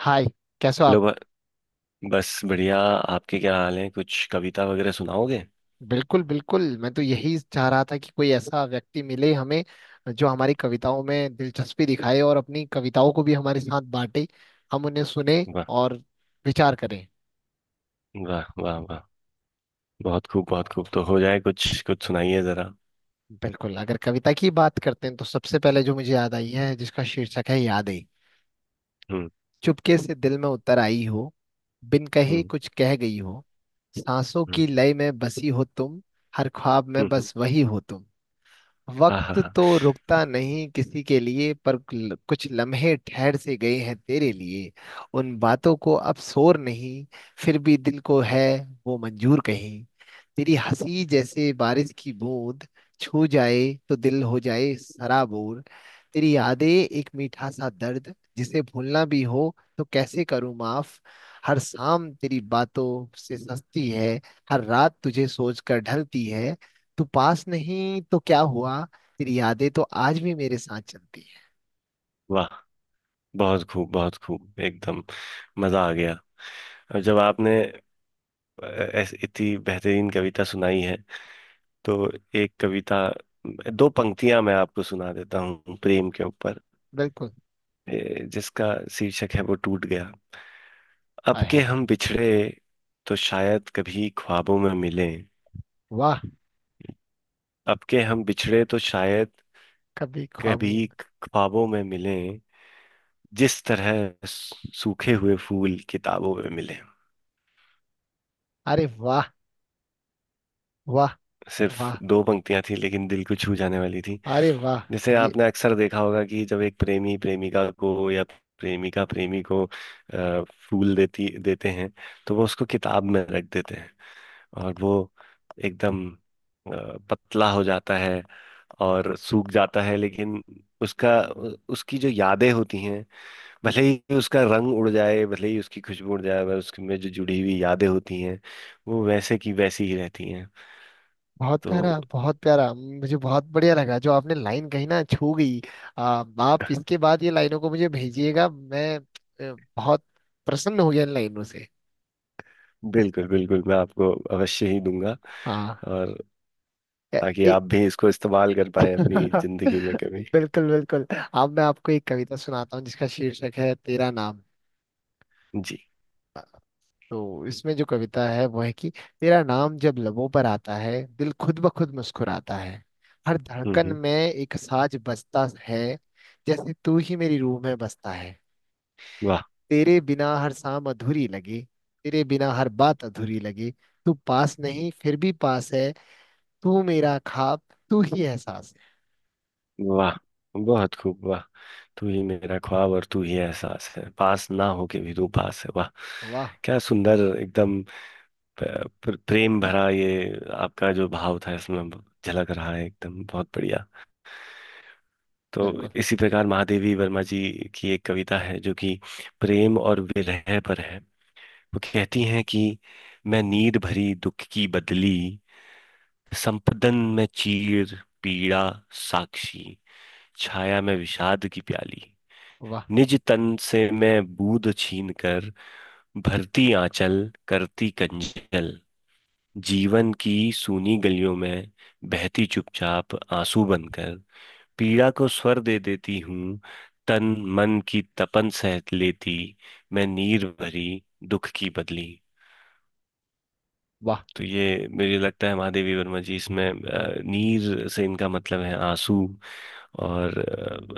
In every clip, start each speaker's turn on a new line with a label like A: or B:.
A: हाय। कैसे हो आप।
B: हेलो बस बढ़िया। आपके क्या हाल है? कुछ कविता वगैरह सुनाओगे?
A: बिल्कुल बिल्कुल, मैं तो यही चाह रहा था कि कोई ऐसा व्यक्ति मिले हमें जो हमारी कविताओं में दिलचस्पी दिखाए और अपनी कविताओं को भी हमारे साथ बांटे। हम उन्हें सुने
B: वाह
A: और विचार करें।
B: वाह वाह वाह। बहुत खूब बहुत खूब। तो हो जाए, कुछ कुछ सुनाइए जरा।
A: बिल्कुल, अगर कविता की बात करते हैं तो सबसे पहले जो मुझे याद आई है जिसका शीर्षक है यादें।
B: हम्म।
A: चुपके से दिल में उतर आई हो, बिन कहे
B: हम्म।
A: कुछ कह गई हो। सांसों की
B: हम्म।
A: लय में बसी हो तुम, हर ख्वाब में
B: हम्म।
A: बस वही हो तुम।
B: हाँ हाँ
A: वक्त
B: हाँ।
A: तो रुकता नहीं किसी के लिए, पर कुछ लम्हे ठहर से गए हैं तेरे लिए। उन बातों को अब शोर नहीं, फिर भी दिल को है वो मंजूर कहीं। तेरी हंसी जैसे बारिश की बूंद, छू जाए तो दिल हो जाए सराबोर। तेरी यादें एक मीठा सा दर्द, जिसे भूलना भी हो तो कैसे करूं माफ। हर शाम तेरी बातों से सस्ती है, हर रात तुझे सोच कर ढलती है। तू पास नहीं तो क्या हुआ, तेरी यादें तो आज भी मेरे साथ चलती है।
B: वाह। बहुत खूब एकदम। मजा आ गया। और जब आपने इतनी बेहतरीन कविता सुनाई है, तो एक कविता, दो पंक्तियां मैं आपको सुना देता हूँ प्रेम के ऊपर।
A: बिल्कुल।
B: जिसका शीर्षक है वो टूट गया। अब
A: आय
B: के
A: हाय।
B: हम बिछड़े तो शायद कभी ख्वाबों में मिलें।
A: वाह।
B: अब के हम बिछड़े तो शायद
A: कभी ख्वाबों
B: कभी
A: में-
B: ख्वाबों में मिलें, जिस तरह सूखे हुए फूल किताबों में मिले।
A: अरे वाह। वाह।
B: सिर्फ
A: वाह
B: दो पंक्तियां थी लेकिन दिल को छू जाने वाली थी।
A: अरे वाह।
B: जैसे
A: ये
B: आपने अक्सर देखा होगा कि जब एक प्रेमी प्रेमिका को या प्रेमिका प्रेमी को फूल देती देते हैं, तो वो उसको किताब में रख देते हैं। और वो एकदम पतला हो जाता है और सूख जाता है। लेकिन उसका उसकी जो यादें होती हैं, भले ही उसका रंग उड़ जाए, भले ही उसकी खुशबू उड़ जाए, पर उसके में जो जुड़ी हुई यादें होती हैं वो वैसे की वैसी ही रहती हैं।
A: बहुत
B: तो
A: प्यारा, बहुत प्यारा, मुझे बहुत बढ़िया लगा जो आपने लाइन कही, ना छू गई। आ, आप इसके बाद ये लाइनों को मुझे भेजिएगा। मैं बहुत प्रसन्न हो गया इन लाइनों से।
B: बिल्कुल बिल्कुल, मैं आपको अवश्य ही दूंगा।
A: हाँ।
B: और
A: ए,
B: ताकि
A: ए,
B: आप भी इसको इस्तेमाल कर पाए अपनी जिंदगी में कभी।
A: बिल्कुल बिल्कुल। अब मैं आपको एक कविता सुनाता हूँ जिसका शीर्षक है तेरा नाम।
B: जी।
A: तो इसमें जो कविता है वो है कि तेरा नाम जब लबों पर आता है, दिल खुद ब खुद मुस्कुराता है। हर
B: हम्म।
A: धड़कन
B: हम्म।
A: में एक साज बजता है, जैसे तू ही मेरी रूह में बसता है।
B: वाह।
A: तेरे बिना हर शाम अधूरी लगी, तेरे बिना हर बात अधूरी लगी। तू पास नहीं फिर भी पास है। तू मेरा ख्वाब, तू ही एहसास
B: वाह बहुत खूब वाह। तू ही मेरा ख्वाब और तू ही एहसास है, पास ना होके भी तू पास है। वाह।
A: है। वाह।
B: क्या सुंदर एकदम प्रेम भरा ये आपका जो भाव था, इसमें झलक रहा है एकदम। बहुत बढ़िया। तो
A: बिल्कुल।
B: इसी प्रकार महादेवी वर्मा जी की एक कविता है जो कि प्रेम और विरह पर है। वो कहती हैं कि मैं नीर भरी दुख की बदली, संपदन में चीर, पीड़ा साक्षी, छाया में विषाद की प्याली,
A: वाह
B: निज तन से मैं बूंद छीन कर भरती आंचल, करती कंजल, जीवन की सूनी गलियों में बहती चुपचाप आंसू बनकर, पीड़ा को स्वर दे देती हूँ, तन मन की तपन सह लेती, मैं नीर भरी दुख की बदली।
A: वाह
B: तो ये मुझे लगता है, महादेवी वर्मा जी इसमें नीर से इनका मतलब है आंसू। और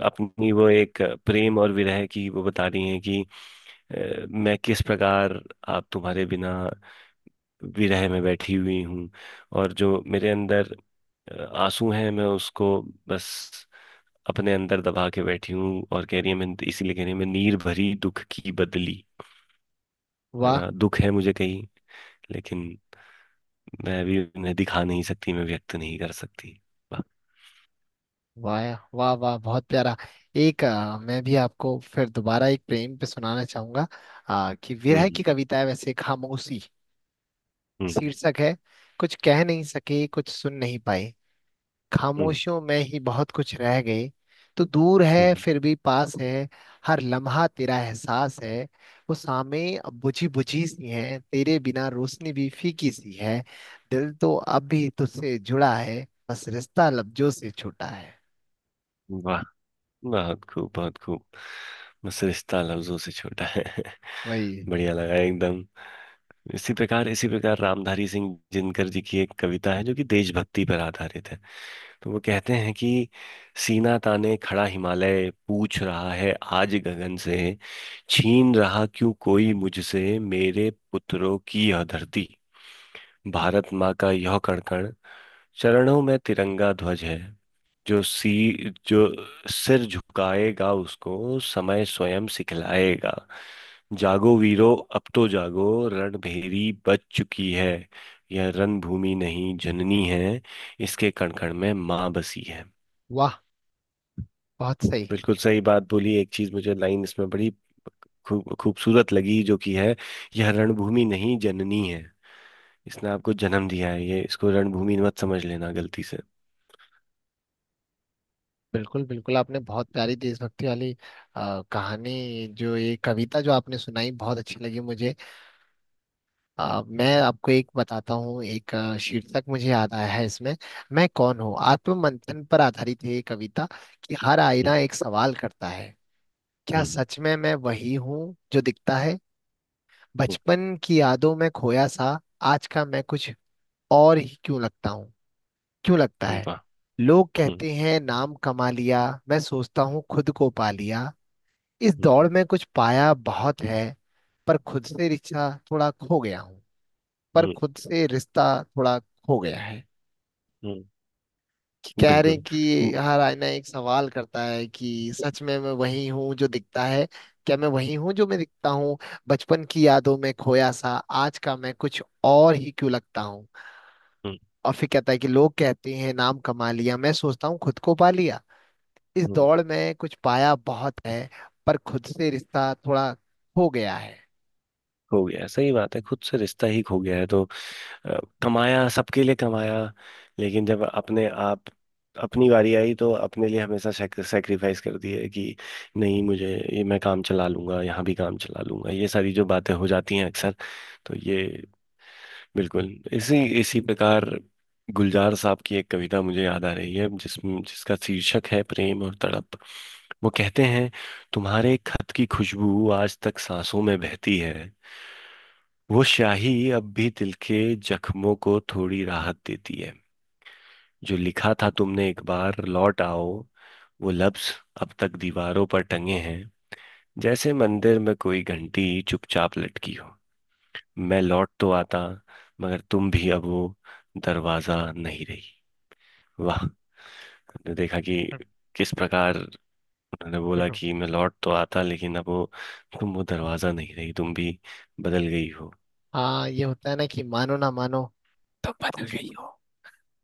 B: अपनी वो एक प्रेम और विरह की वो बता रही हैं कि मैं किस प्रकार, आप तुम्हारे बिना विरह में बैठी हुई हूँ। और जो मेरे अंदर आंसू हैं मैं उसको बस अपने अंदर दबा के बैठी हूँ, और कह रही है मैं, इसीलिए कह रही है मैं नीर भरी दुख की बदली। है
A: वाह।
B: ना? दुख है मुझे कहीं, लेकिन मैं अभी उन्हें दिखा नहीं सकती, मैं व्यक्त नहीं कर सकती। वाह।
A: वाह वाह वाह। बहुत प्यारा। एक मैं भी आपको फिर दोबारा एक प्रेम पे सुनाना चाहूंगा। कि विरह
B: हम्म।
A: की कविता है वैसे। खामोशी
B: हम्म।
A: शीर्षक है। कुछ कह नहीं सके, कुछ सुन नहीं पाए,
B: हम्म।
A: खामोशियों में ही बहुत कुछ रह गई। तो दूर है
B: हम्म।
A: फिर भी पास है, हर लम्हा तेरा एहसास है। वो सामे अब बुझी बुझी सी है, तेरे बिना रोशनी भी फीकी सी है। दिल तो अब भी तुझसे जुड़ा है, बस रिश्ता लफ्जों से छूटा है।
B: वाह बहुत खूब बहुत खूब। बस रिश्ता लफ्जों से छोटा है।
A: वही।
B: बढ़िया लगा एकदम। इसी प्रकार, इसी प्रकार, रामधारी सिंह दिनकर जी की एक कविता है जो कि देशभक्ति पर आधारित है। तो वो कहते हैं कि सीना ताने खड़ा हिमालय पूछ रहा है आज गगन से, छीन रहा क्यों कोई मुझसे मेरे पुत्रों की यह धरती। भारत माँ का यह कण कण, चरणों में तिरंगा ध्वज है। जो सी जो सिर झुकाएगा उसको समय स्वयं सिखलाएगा। जागो वीरो, अब तो जागो। रणभेरी बज चुकी है। यह रणभूमि नहीं जननी है। इसके कण कण में माँ बसी है।
A: वाह। बहुत सही।
B: बिल्कुल सही बात बोली। एक चीज मुझे, लाइन इसमें बड़ी खूब खूबसूरत लगी जो कि है, यह रणभूमि नहीं जननी है। इसने आपको जन्म दिया है, ये इसको रणभूमि मत समझ लेना गलती से।
A: बिल्कुल बिल्कुल, आपने बहुत प्यारी देशभक्ति वाली कहानी, जो ये कविता जो आपने सुनाई, बहुत अच्छी लगी मुझे। मैं आपको एक बताता हूँ। एक शीर्षक मुझे याद आया है इसमें, मैं कौन हूँ। आत्ममंथन पर आधारित है ये कविता। कि हर आईना
B: हम्म।
A: एक सवाल करता है, क्या
B: हम्म।
A: सच में मैं वही हूँ जो दिखता है। बचपन की यादों में खोया सा, आज का मैं कुछ और ही क्यों लगता हूँ। क्यों लगता
B: हम्म।
A: है
B: वाह।
A: लोग
B: हम्म।
A: कहते हैं नाम कमा लिया, मैं सोचता हूँ खुद को पा लिया। इस
B: हम्म।
A: दौड़ में कुछ पाया बहुत है, पर खुद से रिश्ता थोड़ा खो गया हूँ। पर
B: हम्म।
A: खुद से रिश्ता थोड़ा खो गया है।
B: हम्म।
A: कि कह रहे
B: बिल्कुल।
A: हैं
B: न-
A: कि हर आईना एक सवाल करता है कि सच में मैं वही हूँ जो दिखता है। क्या मैं वही हूँ जो मैं दिखता हूँ। बचपन की यादों में खोया सा, आज का मैं कुछ और ही क्यों लगता हूँ।
B: हम्म।
A: और फिर कहता है कि लोग कहते हैं नाम कमा लिया, मैं सोचता हूँ खुद को पा लिया। इस
B: हम्म।
A: दौड़ में कुछ पाया बहुत है, पर खुद से रिश्ता थोड़ा खो गया है।
B: खो गया, सही बात है। खुद से रिश्ता ही खो गया है, तो अ, कमाया, सबके लिए कमाया। लेकिन जब अपने आप, अपनी बारी आई तो अपने लिए हमेशा सेक्रीफाइस कर दिए कि नहीं मुझे, ये मैं काम चला लूंगा, यहाँ भी काम चला लूंगा, ये सारी जो बातें हो जाती हैं अक्सर। तो ये, बिल्कुल। इसी इसी प्रकार गुलजार साहब की एक कविता मुझे याद आ रही है, जिसका शीर्षक है प्रेम और तड़प। वो कहते हैं, तुम्हारे खत की खुशबू आज तक सांसों में बहती है, वो स्याही अब भी दिल के जख्मों को थोड़ी राहत देती है, जो लिखा था तुमने, एक बार लौट आओ, वो लफ्ज अब तक दीवारों पर टंगे हैं, जैसे मंदिर में कोई घंटी चुपचाप लटकी हो, मैं लौट तो आता, मगर तुम भी अब वो दरवाजा नहीं रही। वाह। हमने देखा कि किस प्रकार उन्होंने बोला
A: देखो।
B: कि मैं लौट तो आता, लेकिन अब वो, तुम वो दरवाजा नहीं रही, तुम भी बदल गई हो।
A: हाँ, ये होता है ना, कि मानो ना मानो, तुम बदल गई हो।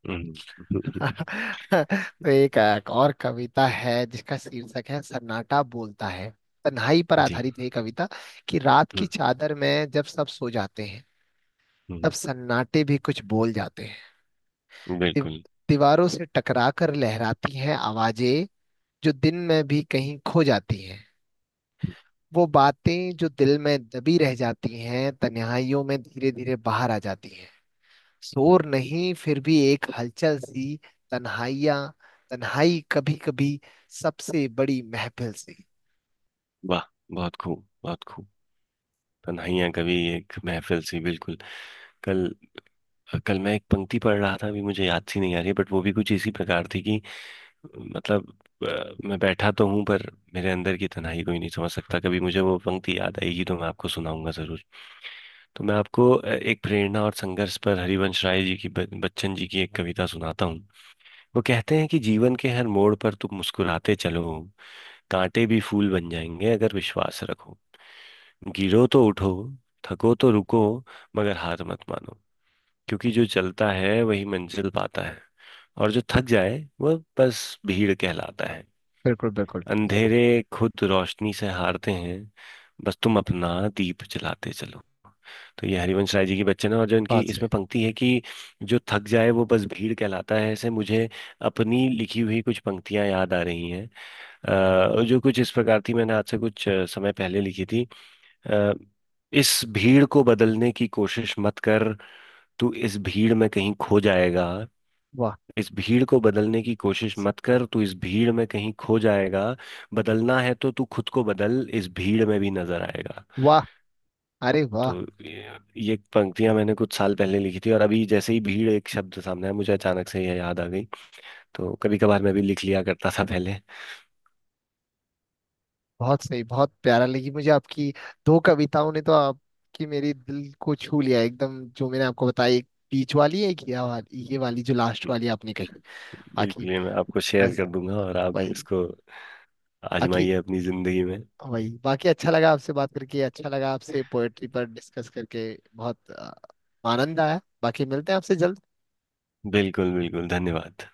B: हम्म।
A: तो एक और कविता है जिसका शीर्षक है सन्नाटा बोलता है। तन्हाई पर
B: जी।
A: आधारित है ये कविता। कि रात की
B: हम्म।
A: चादर में जब सब सो जाते हैं,
B: हम्म।
A: तब सन्नाटे भी कुछ बोल जाते हैं। दीव-
B: बिल्कुल।
A: दीवारों से टकरा कर लहराती हैं आवाजें, जो दिन में भी कहीं खो जाती हैं। वो बातें जो दिल में दबी रह जाती हैं, तन्हाइयों में धीरे धीरे बाहर आ जाती हैं।
B: हम्म।
A: शोर नहीं, फिर भी एक हलचल सी। तन्हाइयाँ, तन्हाई कभी कभी सबसे बड़ी महफिल सी।
B: वाह बहुत खूब बहुत खूब। तन्हाइयां कभी एक महफिल सी, बिल्कुल। कल कल मैं एक पंक्ति पढ़ रहा था, अभी मुझे याद सी नहीं आ रही, बट वो भी कुछ इसी प्रकार थी कि मतलब मैं बैठा तो हूँ पर मेरे अंदर की तन्हाई कोई नहीं समझ सकता। कभी मुझे वो पंक्ति याद आएगी तो मैं आपको सुनाऊंगा जरूर। तो मैं आपको एक प्रेरणा और संघर्ष पर, हरिवंश राय जी की बच्चन जी की एक कविता सुनाता हूँ। वो कहते हैं कि जीवन के हर मोड़ पर तुम मुस्कुराते चलो, कांटे भी फूल बन जाएंगे अगर विश्वास रखो। गिरो तो उठो, थको तो रुको, मगर हार मत मानो। क्योंकि जो चलता है वही मंजिल पाता है, और जो थक जाए वह बस भीड़ कहलाता है।
A: बिल्कुल बिल्कुल।
B: अंधेरे खुद रोशनी से हारते हैं, बस तुम अपना दीप जलाते चलो। तो ये हरिवंश राय जी की बच्चन है, और जो इनकी
A: बात
B: इसमें
A: से।
B: पंक्ति है कि जो थक जाए वो बस भीड़ कहलाता है, ऐसे मुझे अपनी लिखी हुई कुछ पंक्तियां याद आ रही हैं। जो कुछ इस प्रकार थी, मैंने आज से कुछ समय पहले लिखी थी। अ, इस भीड़ को बदलने की कोशिश मत कर, तू इस भीड़ में कहीं खो जाएगा।
A: वाह
B: इस भीड़ को बदलने की कोशिश मत कर, तू इस भीड़ में कहीं खो जाएगा। बदलना है तो तू खुद को बदल, इस भीड़ में भी नजर आएगा।
A: वाह। अरे वाह।
B: तो ये ये पंक्तियां मैंने कुछ साल पहले लिखी थी, और अभी जैसे ही भीड़ एक शब्द सामने आया मुझे अचानक से यह याद आ गई। तो कभी कभार मैं भी लिख लिया करता था पहले।
A: बहुत सही, बहुत प्यारा लगी मुझे आपकी। दो कविताओं ने तो आपकी मेरी दिल को छू लिया एकदम, जो मैंने आपको बताई एक बीच वाली है कि, ये वाली, ये वाली जो लास्ट वाली आपने कही। बाकी
B: बिल्कुल, ये मैं आपको शेयर
A: बस।
B: कर दूंगा और आप
A: वही।
B: इसको
A: बाकी
B: आजमाइए अपनी जिंदगी में।
A: वही। बाकी अच्छा लगा आपसे बात करके, अच्छा लगा आपसे पोएट्री पर डिस्कस करके। बहुत आनंद आया। बाकी मिलते हैं आपसे जल्द।
B: बिल्कुल बिल्कुल धन्यवाद।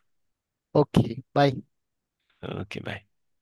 A: Okay bye.
B: Okay bye.